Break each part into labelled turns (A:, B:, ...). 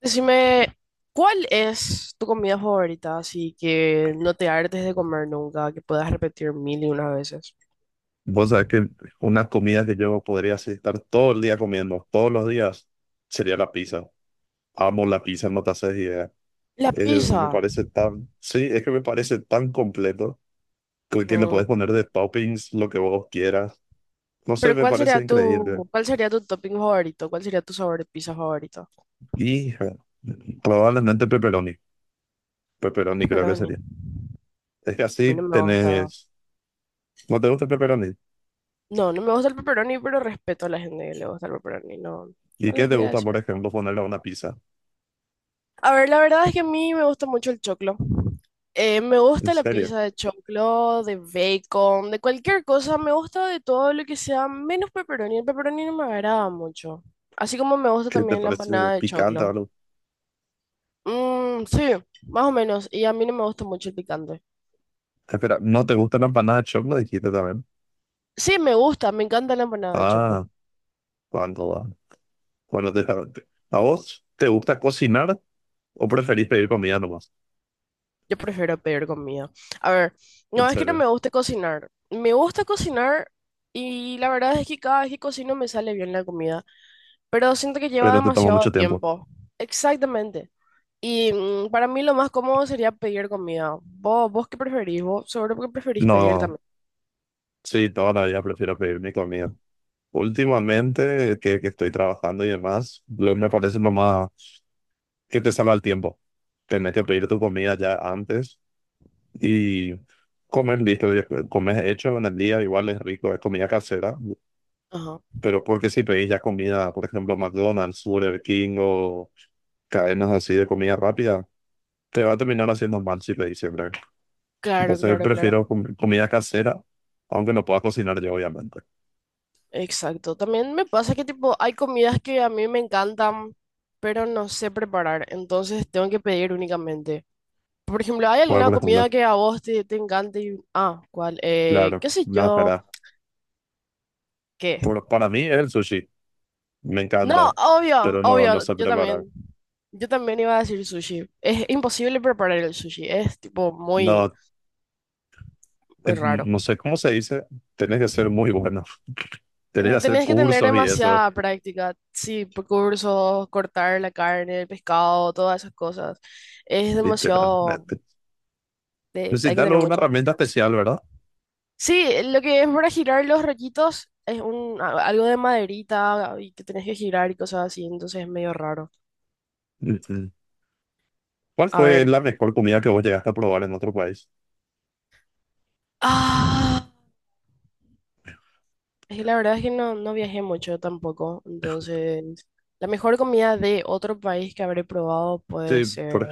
A: Decime, ¿cuál es tu comida favorita? Así que no te hartes de comer nunca, que puedas repetir mil y unas veces.
B: Vos sabés que una comida que yo podría así estar todo el día comiendo, todos los días, sería la pizza. Amo la pizza, no te haces idea.
A: La
B: Me
A: pizza.
B: parece tan, sí, es que me parece tan completo que le podés
A: Mm,
B: poner de toppings lo que vos quieras. No sé,
A: pero
B: me
A: ¿cuál sería
B: parece increíble.
A: tu topping favorito? ¿Cuál sería tu sabor de pizza favorito?
B: Y eh, Probablemente pepperoni. Pepperoni creo que
A: Pepperoni.
B: sería.
A: A
B: Es que
A: mí
B: así
A: no me gusta.
B: tenés, ¿no te gusta el pepperoni?
A: No me gusta el pepperoni, pero respeto a la gente que le gusta el pepperoni. No,
B: ¿Y
A: no
B: qué
A: les
B: te
A: voy a
B: gusta,
A: decir.
B: por ejemplo, ponerle a una pizza?
A: A ver, la verdad es que a mí me gusta mucho el choclo. Me
B: ¿En
A: gusta la
B: serio?
A: pizza de choclo, de bacon, de cualquier cosa. Me gusta de todo lo que sea menos pepperoni. El pepperoni no me agrada mucho. Así como me gusta
B: ¿Qué te
A: también la
B: parece
A: empanada de
B: picante o
A: choclo.
B: algo?
A: Mm, sí, más o menos. Y a mí no me gusta mucho el picante.
B: Espera, ¿no te gustan las empanadas de choclo? Dijiste también.
A: Sí, me gusta, me encanta la empanada de choclo.
B: Ah, cuando va. Bueno, te ¿a vos te gusta cocinar o preferís pedir comida nomás?
A: Yo prefiero pedir comida. A ver,
B: En
A: no es que no
B: serio.
A: me guste cocinar. Me gusta cocinar y la verdad es que cada vez que cocino me sale bien la comida, pero siento que lleva
B: Pero te toma
A: demasiado
B: mucho tiempo.
A: tiempo. Exactamente. Y para mí lo más cómodo sería pedir comida. ¿Vos qué preferís? ¿Vos seguro que preferís pedir
B: No,
A: también?
B: sí, todavía prefiero pedir mi comida. Últimamente, que estoy trabajando y demás, me parece lo más que te salva el tiempo. Tenés que pedir tu comida ya antes y comer listo. Comer hecho en el día, igual es rico, es comida casera.
A: Ajá.
B: Pero porque si pedís ya comida, por ejemplo, McDonald's, Burger King o cadenas así de comida rápida, te va a terminar haciendo mal si pedís siempre.
A: Claro,
B: Entonces
A: claro, claro.
B: prefiero comida casera, aunque no pueda cocinar yo, obviamente.
A: Exacto. También me pasa que tipo hay comidas que a mí me encantan, pero no sé preparar, entonces tengo que pedir únicamente. Por ejemplo, ¿hay
B: Como
A: alguna
B: por ejemplo,
A: comida que a vos te encante? Y ¿cuál?
B: claro,
A: ¿Qué sé
B: no,
A: yo?
B: para,
A: ¿Qué?
B: para mí es el sushi, me
A: No,
B: encanta,
A: obvio,
B: pero no
A: obvio,
B: sé
A: yo
B: preparar.
A: también. Yo también iba a decir sushi. Es imposible preparar el sushi, es tipo muy,
B: No,
A: muy raro.
B: no sé cómo se dice, tenés que ser muy bueno, tenés que
A: Ten-
B: hacer
A: Tenés que tener
B: cursos y eso,
A: demasiada práctica, sí, por cursos, cortar la carne, el pescado, todas esas cosas. Es demasiado,
B: literalmente.
A: hay que
B: Necesitas
A: tener
B: una
A: mucha
B: herramienta
A: experiencia.
B: especial, ¿verdad?
A: Sí, lo que es para girar los rollitos es algo de maderita y que tenés que girar y cosas así, entonces es medio raro.
B: Mm, mm. ¿Cuál
A: A
B: fue
A: ver.
B: la mejor comida que vos llegaste a probar en otro país?
A: Ah, es que la verdad es que no viajé mucho tampoco, entonces la mejor comida de otro país que habré probado puede
B: Sí,
A: ser
B: por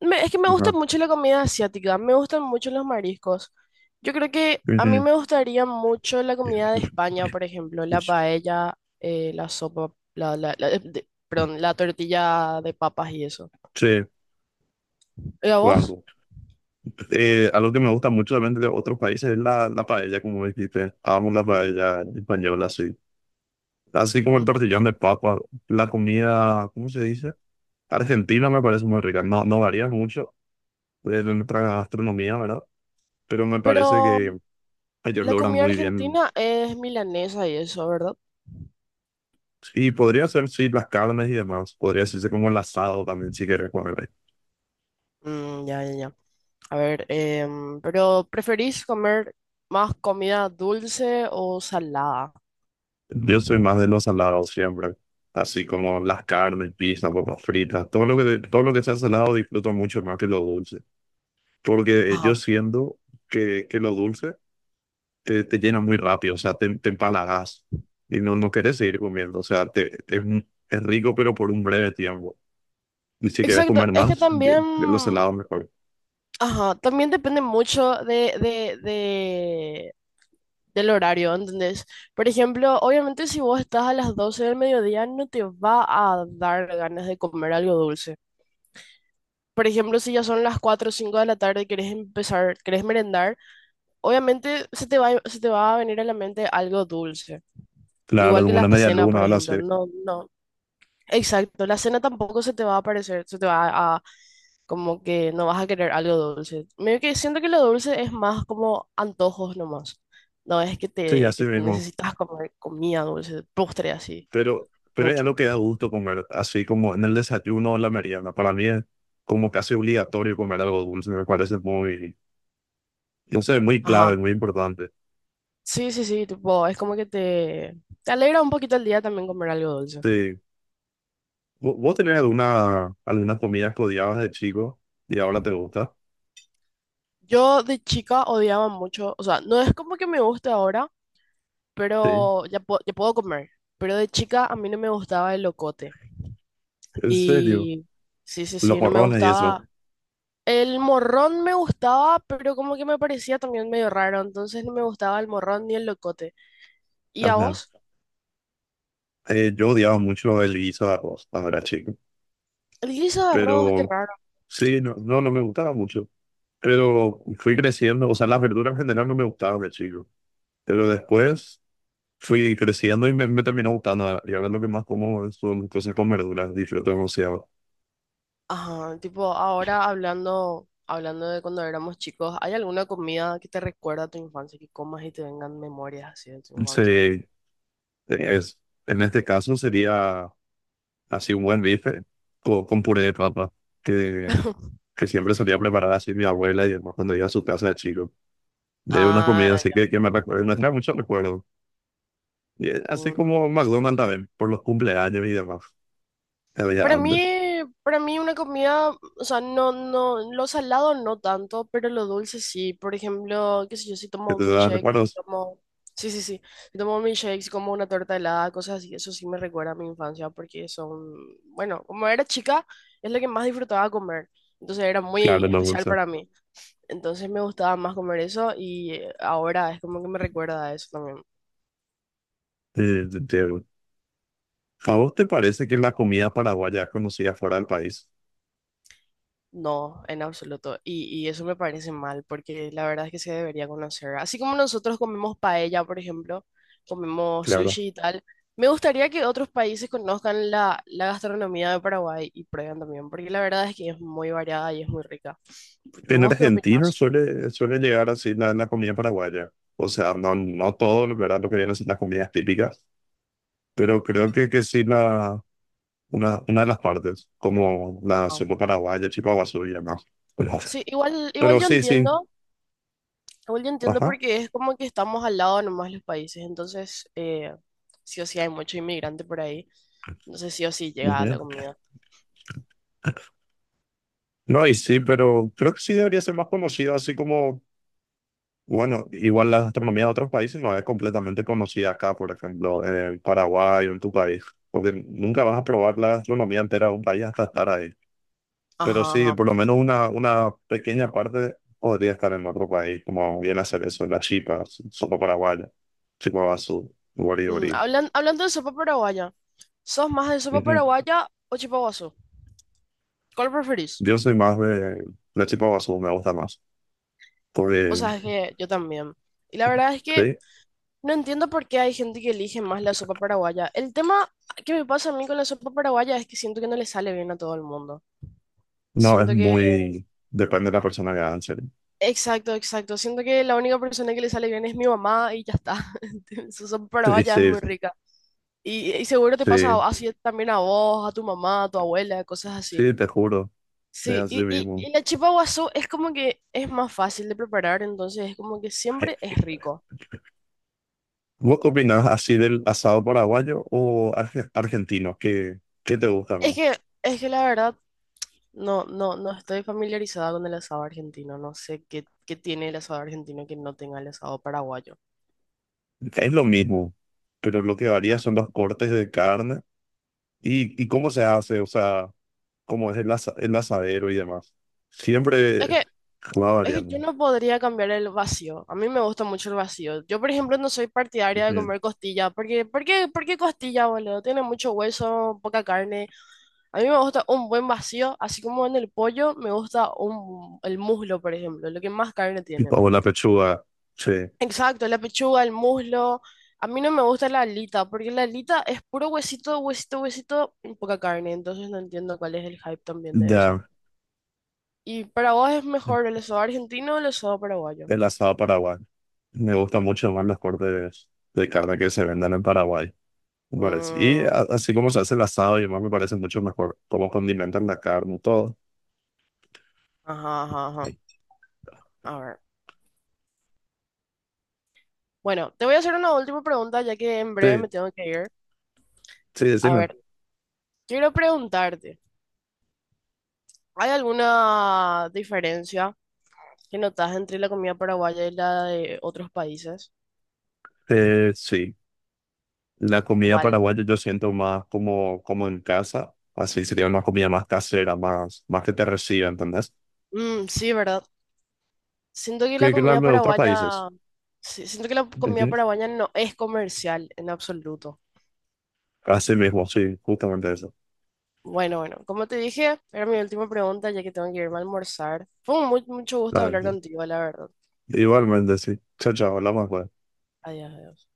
A: Es que me gusta
B: ejemplo.
A: mucho la comida asiática, me gustan mucho los mariscos. Yo creo que a mí me gustaría mucho la comida de España, por ejemplo, la paella, la sopa, perdón, la tortilla de papas y eso.
B: Sí,
A: ¿Y a vos?
B: cuando. Algo que me gusta mucho también de otros países es la paella, como dijiste. Amo la
A: Ujú.
B: paella española, sí. Así como el
A: Ujú.
B: tortillón de papa. La comida, ¿cómo se dice? Argentina me parece muy rica. No, no varía mucho de nuestra gastronomía, ¿verdad? Pero me
A: Pero
B: parece que ellos
A: la
B: logran
A: comida
B: muy bien.
A: argentina es milanesa y eso, ¿verdad?
B: Y podría ser, sí, las carnes y demás. Podría ser como el asado también, si quieres comer.
A: Mm, ya, ya, ya. A ver, pero ¿preferís comer más comida dulce o salada?
B: Yo soy más de los salados siempre, así como las carnes, pizza, papas fritas, todo lo que sea salado disfruto mucho más que lo dulce, porque yo
A: Ajá.
B: siento que lo dulce te llena muy rápido, o sea, te empalagas y no quieres seguir comiendo, o sea, es rico pero por un breve tiempo. Y si quieres
A: Exacto,
B: comer
A: es que
B: más,
A: también,
B: bien lo salado mejor.
A: ajá, también depende mucho del horario, ¿entendés? Por ejemplo, obviamente si vos estás a las 12 del mediodía no te va a dar ganas de comer algo dulce. Por ejemplo, si ya son las 4 o 5 de la tarde y querés empezar, querés merendar, obviamente se te va a venir a la mente algo dulce.
B: Claro,
A: Igual que
B: como
A: la
B: una media
A: cena,
B: luna,
A: por
B: ahora sí,
A: ejemplo. No, no. Exacto, la cena tampoco se te va a aparecer, se te va a, como que no vas a querer algo dulce. Medio que siento que lo dulce es más como antojos nomás. No es que
B: sí,
A: te
B: así
A: que
B: mismo.
A: necesitas comer comida dulce, postre así,
B: Pero es
A: mucho.
B: lo que da gusto comer, así como en el desayuno o la merienda. Para mí es como casi obligatorio comer algo dulce, me parece muy, no sé, muy
A: Ajá.
B: clave, muy importante.
A: Sí, sí, sí, tipo, es como que te alegra un poquito el día también comer algo dulce.
B: Sí. ¿Vos tenés algunas comidas que odiabas de chico y ahora te gusta?
A: Yo de chica odiaba mucho, o sea, no es como que me guste ahora,
B: Sí,
A: pero ya, ya puedo comer. Pero de chica a mí no me gustaba el locote.
B: en serio,
A: Y sí, sí,
B: los
A: sí, no me
B: morrones y eso.
A: gustaba. El morrón me gustaba, pero como que me parecía también medio raro, entonces no me gustaba el morrón ni el locote. ¿Y a
B: Ajá.
A: vos?
B: Yo odiaba mucho el guiso de arroz cuando era chico,
A: El guiso de arroz, qué
B: pero
A: raro.
B: sí, no me gustaba mucho. Pero fui creciendo, o sea, las verduras en general no me gustaban de chico. Pero después fui creciendo y me terminó gustando. Y ahora lo que más como son cosas con verduras, disfruto demasiado.
A: Ajá, tipo, ahora hablando de cuando éramos chicos, ¿hay alguna comida que te recuerda a tu infancia, que comas y te vengan memorias así de tu infancia?
B: Sí es, en este caso sería así un buen bife con puré de papa, que, que siempre solía preparar así mi abuela y hermano cuando iba a su casa de chico. De una comida
A: Ah,
B: así
A: ya.
B: que me recuerda, me trae muchos recuerdos. Y es así
A: Mm.
B: como McDonald's también, por los cumpleaños y demás, que había
A: Para mí,
B: antes.
A: para mí una comida, o sea, lo salado no tanto, pero lo dulce sí. Por ejemplo, qué sé yo, si
B: Que
A: tomo
B: te
A: un
B: da
A: milkshake, si
B: recuerdos,
A: tomo, sí, sí, sí, si tomo un milkshake, si como una torta helada, cosas así, eso sí me recuerda a mi infancia porque son, bueno, como era chica, es lo que más disfrutaba comer. Entonces era muy
B: claro, no,
A: especial
B: bolsa.
A: para mí. Entonces me gustaba más comer eso y ahora es como que me recuerda a eso también.
B: Eh, te- te- ¿A vos te parece que la comida paraguaya es conocida fuera del país?
A: No, en absoluto. Y eso me parece mal, porque la verdad es que se debería conocer. Así como nosotros comemos paella, por ejemplo, comemos
B: Claro.
A: sushi y tal, me gustaría que otros países conozcan la gastronomía de Paraguay y prueben también, porque la verdad es que es muy variada y es muy rica. ¿Y
B: En
A: vos qué
B: Argentina
A: opinás?
B: suele llegar así la comida paraguaya. O sea, no, no todo, ¿verdad? Lo que vienen son las comidas típicas, pero creo que sí una de las partes, como la
A: Ajá.
B: sopa paraguaya, chipaguazú y demás. Pero,
A: Sí, igual
B: pero
A: yo
B: sí, sí.
A: entiendo, igual yo entiendo
B: Ajá.
A: porque es como que estamos al lado nomás los países, entonces sí o sí hay mucho inmigrante por ahí, entonces sí o sí llega
B: Ujú.
A: la comida.
B: No, y sí, pero creo que sí debería ser más conocido, así como, bueno, igual la gastronomía de otros países no es completamente conocida acá, por ejemplo, en el Paraguay o en tu país, porque nunca vas a probar la gastronomía entera de un país hasta estar ahí. Pero
A: Ajá,
B: sí,
A: ajá.
B: por lo menos una pequeña parte podría estar en otro país, como bien hacer eso, las chipas, solo paraguaya, chipa basú,
A: Mm,
B: guaribori.
A: hablando de sopa paraguaya, ¿sos más de sopa
B: Ujú.
A: paraguaya o chipaguazú? ¿Cuál preferís?
B: Yo soy más de la chipa basú, me gusta más.
A: O
B: Porque,
A: sea, es que yo también. Y la verdad es que
B: sí,
A: no entiendo por qué hay gente que elige más la sopa paraguaya. El tema que me pasa a mí con la sopa paraguaya es que siento que no le sale bien a todo el mundo.
B: no, es
A: Siento que...
B: muy, depende de la persona que haga, en serio.
A: Exacto, exacto. Siento que la única persona que le sale bien es mi mamá y ya está. Su sopa
B: Sí,
A: paraguaya es
B: sí,
A: muy rica. Y seguro te
B: sí,
A: pasa así también a vos, a tu mamá, a tu abuela, cosas así.
B: sí, te juro, es
A: Sí,
B: así
A: y, y,
B: mismo.
A: y la chipa guazú es como que es más fácil de preparar, entonces es como que siempre es rico.
B: ¿Vos qué opinás así del asado paraguayo o argentino? ¿Qué, qué te gusta
A: Es
B: más?
A: que, es que la verdad, no estoy familiarizada con el asado argentino, no sé qué tiene el asado argentino que no tenga el asado paraguayo.
B: Es lo mismo, pero lo que varía son los cortes de carne y cómo se hace, o sea, cómo es el asadero y demás.
A: Es
B: Siempre
A: que,
B: va
A: es que
B: variando.
A: yo no podría cambiar el vacío, a mí me gusta mucho el vacío. Yo, por ejemplo, no soy partidaria de
B: Ujú.
A: comer costilla, porque, por qué costilla, boludo? Tiene mucho hueso, poca carne. A mí me gusta un buen vacío, así como en el pollo me gusta el muslo, por ejemplo, lo que más carne tiene.
B: O la pechuga, sí,
A: Exacto, la pechuga, el muslo. A mí no me gusta la alita, porque la alita es puro huesito y poca carne, entonces no entiendo cuál es el hype también de eso.
B: da
A: ¿Y para vos es mejor el asado argentino o el asado paraguayo?
B: el asado paraguay. Me gustan mucho más los cortes de carne que se vendan en Paraguay. Me parece. Y
A: Mm,
B: así como se hace el asado y demás, me parece mucho mejor cómo condimentan la carne y todo.
A: ajá.
B: Sí,
A: A ver. Bueno, te voy a hacer una última pregunta, ya que en breve
B: sí,
A: me tengo que ir.
B: sí,
A: A
B: decime.
A: ver, quiero preguntarte, ¿hay alguna diferencia? ¿Qué notas entre la comida paraguaya y la de otros países?
B: Sí. La comida
A: ¿Cuál?
B: paraguaya yo siento más como, como en casa, así sería una comida más casera, más, más que te reciba, ¿entendés?
A: Mm, sí, ¿verdad? Siento que la
B: Que la
A: comida
B: de otros países.
A: paraguaya, sí, siento que la comida
B: Ujú.
A: paraguaya no es comercial en absoluto.
B: Así mismo, sí, justamente eso,
A: Bueno, bueno, como te dije, era mi última pregunta ya que tengo que irme a almorzar. Fue un mucho gusto
B: la
A: hablar
B: verdad.
A: contigo, la verdad.
B: Igualmente, sí. Chao, chao, hablamos.
A: Adiós, adiós.